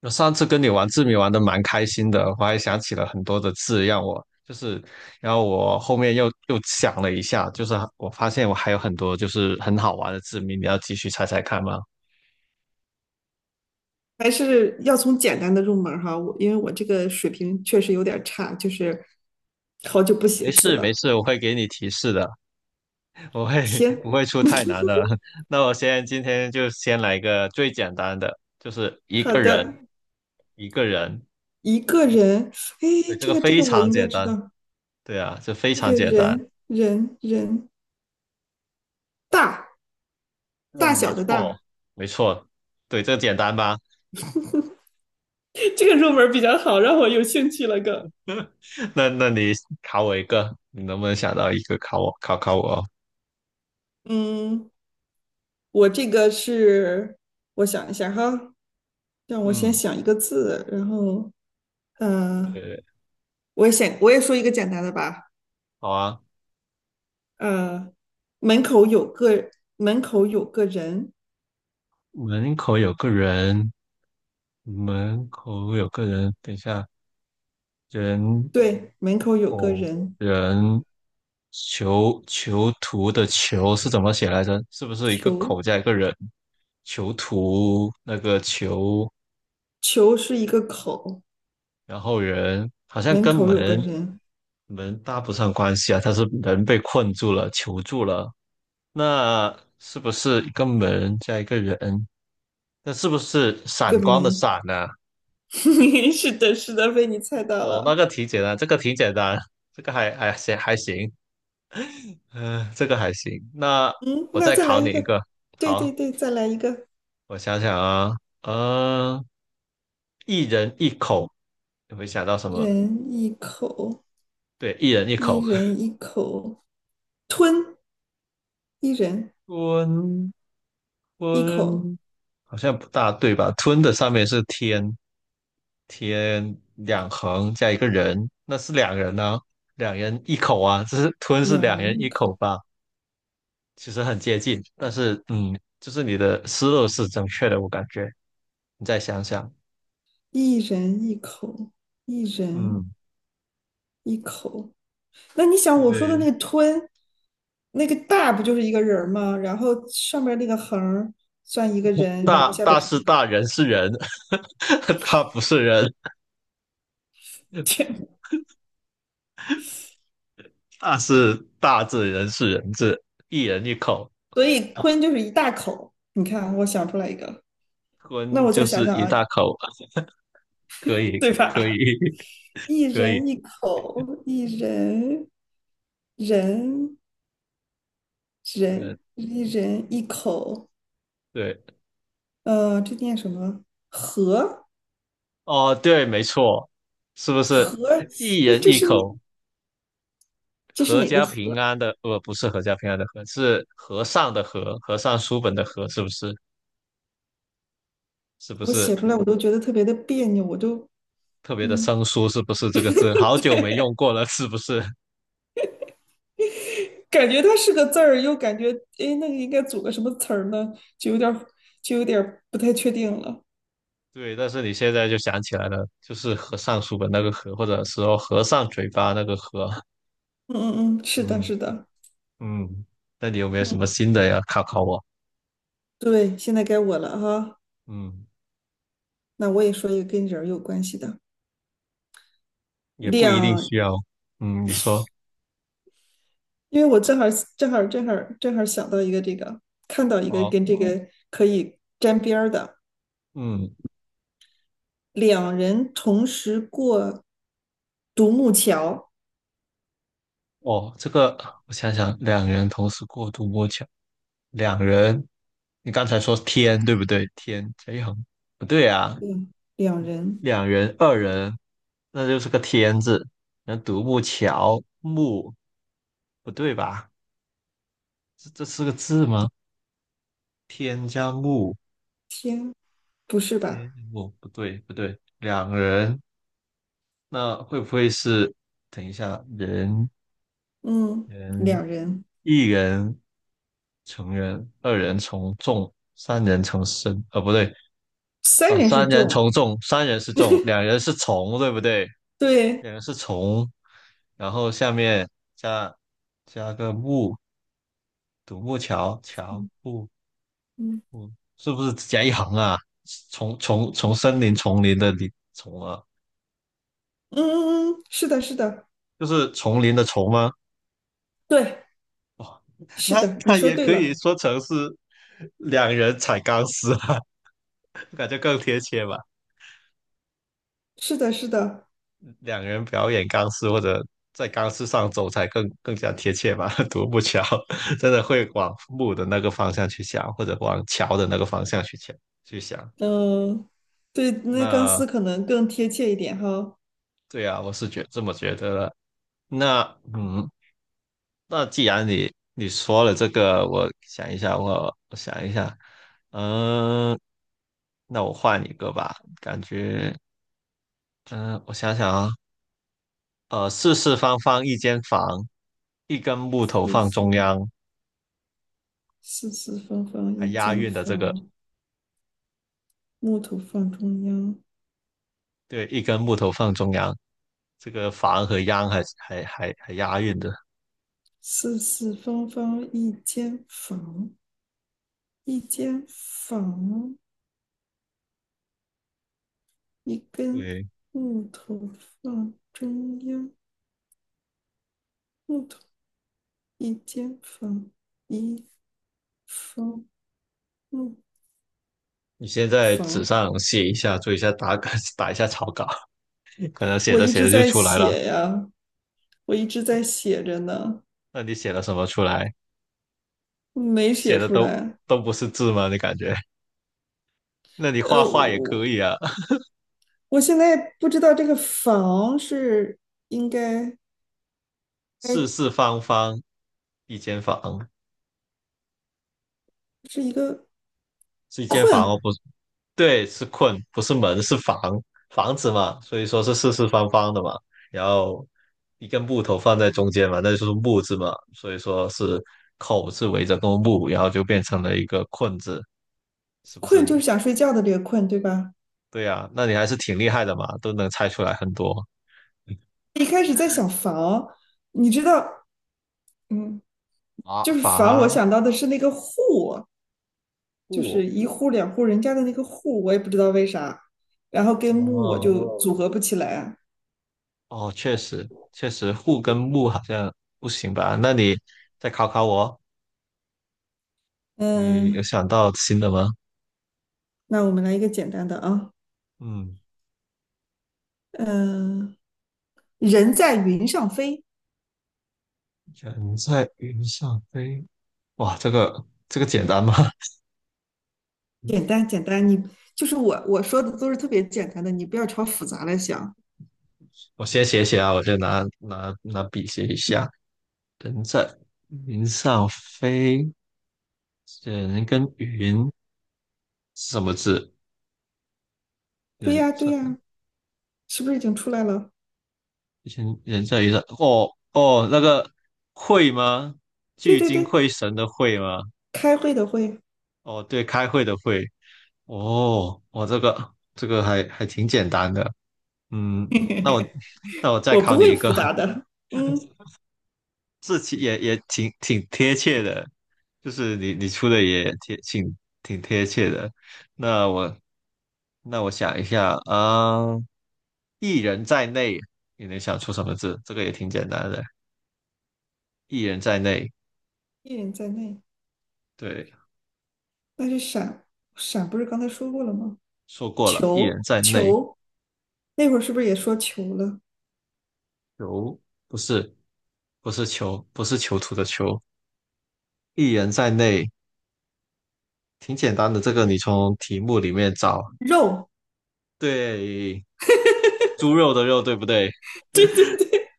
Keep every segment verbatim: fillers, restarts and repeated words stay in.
我上次跟你玩字谜玩的蛮开心的，我还想起了很多的字，让我就是，然后我后面又又想了一下，就是我发现我还有很多就是很好玩的字谜，你要继续猜猜看吗？还是要从简单的入门儿哈，我因为我这个水平确实有点儿差，就是好久不写没字事没了。事，我会给你提示的，我会 不行，会出太难的。那我先今天就先来一个最简单的，就是一好个人的，一个人，一个人，对，哎，这这个个这非个我常应该简知单，道。对啊，这非一常个简单，人人人大，大对，没小的错大。没错，对，这简单吧？这个入门儿比较好，让我有兴趣了更。那那你考我一个，你能不能想到一个考我考考我？嗯，我这个是，我想一下哈，让我先嗯，想一个字，然后，嗯、呃对，我也想，我也说一个简单的吧。好啊。呃，门口有个门口有个人。门口有个人，门口有个人，等一下，人对，门口有个偶人。人囚囚徒的囚是怎么写来着？是不是一个球口加一个人？囚徒那个囚，球是一个口。然后人好像门跟口有个门人，门搭不上关系啊，他是人被困住了，囚住了，那是不是一个门加一个人？那是不是一个闪光的门。闪呢、是的，是的，被你猜到哦，那了。个挺简单，这个挺简单，这个还还行还行，嗯、这个还行。那嗯，我那再再来考一你一个。个，对对好，对，再来一个。我想想啊，呃，一人一口，你会想到什么？人一口，对，一人一一口，人一口。吞，一人 吞一口。吞，好像不大对吧？吞的上面是天，天两横加一个人，那是两人呢？两人一口啊，这是吞是两两人人一一口，口吧？其实很接近，但是嗯，就是你的思路是正确的，我感觉。你再想想，一人一口，一人嗯，一口。那你想我说的对，那个吞？那个大不就是一个人儿吗？然后上面那个横儿算一个人，然大后下边大是是一个大，人是人，他不是人，天。大是大字，人是人字，一人一口，所以吞就是一大口。你看啊，我想出来一个，那吞我就再想是想一啊，大口，可以，对可吧？以 一 可以，人一口，一人人人嗯，一人一口。对。呃，这念什么？和哦，对，没错，是不是和，一这人这一是口，这是阖哪个家和？平安的？呃，不是阖家平安的阖，是和尚的和，和尚书本的和，是不是？是不我是写出来我都觉得特别的别扭，我都特别的嗯。生疏？是不是这个字？好久没对。用过了，是不是？感觉它是个字儿，又感觉哎，那个应该组个什么词儿呢？就有点儿就有点儿不太确定了。对，但是你现在就想起来了，就是和尚书本那个和，或者说和尚嘴巴那个和。嗯嗯嗯，是的，嗯是的。嗯，那你有没有嗯，什么新的呀？考考我。对，现在该我了哈。嗯，那我也说一个跟人儿有关系的也不一定两，需要。嗯，你说。因为我正好正好正好正好想到一个这个，看到一个哦，跟这个可以沾边儿的，嗯。两人同时过独木桥。哦，这个我想想，两人同时过独摸桥，两人，你刚才说天对不对？天这横不对啊，嗯，两人，两人、二人，那就是个天字。那独木桥木不对吧？这这是个字吗？天加木，天，不是吧？天加木不对不对，两人那会不会是？等一下，人嗯，人两人，一人成人，二人从众，三人成森。呃，不对，三呃，人是三人重。从众，三人是众，两人是从，对不对？对，两人是从，然后下面加加个木，独木桥，桥嗯木嗯木，是不是只加一行啊？从从从森林丛林的林丛啊，嗯嗯，嗯，是的，是的。就是丛林的丛吗？对，是那的，你那说也对可以了。说成是两人踩钢丝啊，感觉更贴切吧。是的，是的。两个人表演钢丝或者在钢丝上走才更更加贴切吧。独木桥 真的会往木的那个方向去想，或者往桥的那个方向去想去想。嗯，对，那钢那丝可能更贴切一点哈。对啊，我是觉这么觉得的。那嗯，那既然你你说了这个，我想一下，我我想一下，嗯，那我换一个吧，感觉嗯，我想想啊，呃，四四方方一间房，一根木头四放中四央。四四方方还一押间韵的这个，房，木头放中央。对，一根木头放中央，这个房和央还还还还押韵的。四四方方一间房，一间房，一根对，木头放中央，木头一间房，一方木你先在纸房。上写一下，做一下打稿，打一下草稿，可能写我着一写直着就在出来了。写呀，我一直在写着呢，那你写了什么出来？没写写的出都来。都不是字吗？你感觉？那你画呃，画也可我以啊。我现在不知道这个房是应该四该四方方一间房，是一个是一间房困哦，不对，是困，不是门，是房，房子嘛，所以说是四四方方的嘛，然后一根木头放在中间嘛，那就是木字嘛，所以说是口字围着个木，然后就变成了一个困字，是不困，是？就是想睡觉的这个困，对吧？对呀，那你还是挺厉害的嘛，都能猜出来很多。一开始在想房，你知道，嗯，啊，就是房，我伐想到的是那个户，就是木，一户两户人家的那个户，我也不知道为啥，然后跟木我哦就哦组合不起来啊。哦，确实确实，户跟木好像不行吧？那你再考考我，你有嗯，想到新的吗？那我们来一个简单的啊。嗯。嗯。人在云上飞。人在云上飞，哇，这个这个简单吗？简 单简单，你就是我我说的都是特别简单的，你不要朝复杂来想。我先写写啊，我先拿拿拿笔写一下。人在云上飞，人跟云是什么字？对人呀对在呀，是不是已经出来了？人人在云上，哦哦，那个会吗？对聚对精对，会神的会吗？开会的会。 哦，对，开会的会。哦，我这个这个还还挺简单的。嗯，那我 那我 再我不考你会一复个。杂的。嗯，这期也也挺挺贴切的，就是你你出的也贴挺挺贴切的。那我那我想一下啊，一人在内，你能想出什么字？这个也挺简单的，一人在内。一人在内，对，那是闪闪，不是刚才说过了吗？说过了，一球人在内。球，那会儿是不是也说球了？囚不是不是囚，不是囚徒的囚，一人在内，挺简单的。这个你从题目里面找，肉，对，猪肉的肉，对不对？对对对。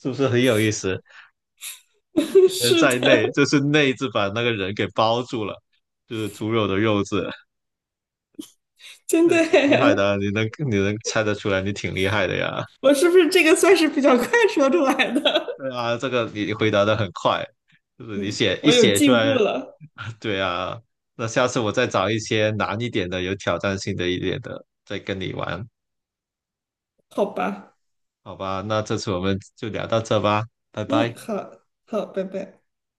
是不是很有意思？人是在的，内，就是内字把那个人给包住了，就是猪肉的肉字，真那的挺厉害的嘿，啊你能你能猜得出来，你挺厉害的呀。我是不是这个算是比较快说出来的？对啊，这个你回答的很快，就是你写 一我有写出进步来，了。对啊。那下次我再找一些难一点的，有挑战性的一点的，再跟你玩，好吧。好吧？那这次我们就聊到这吧，拜嗯，拜。好好，拜拜。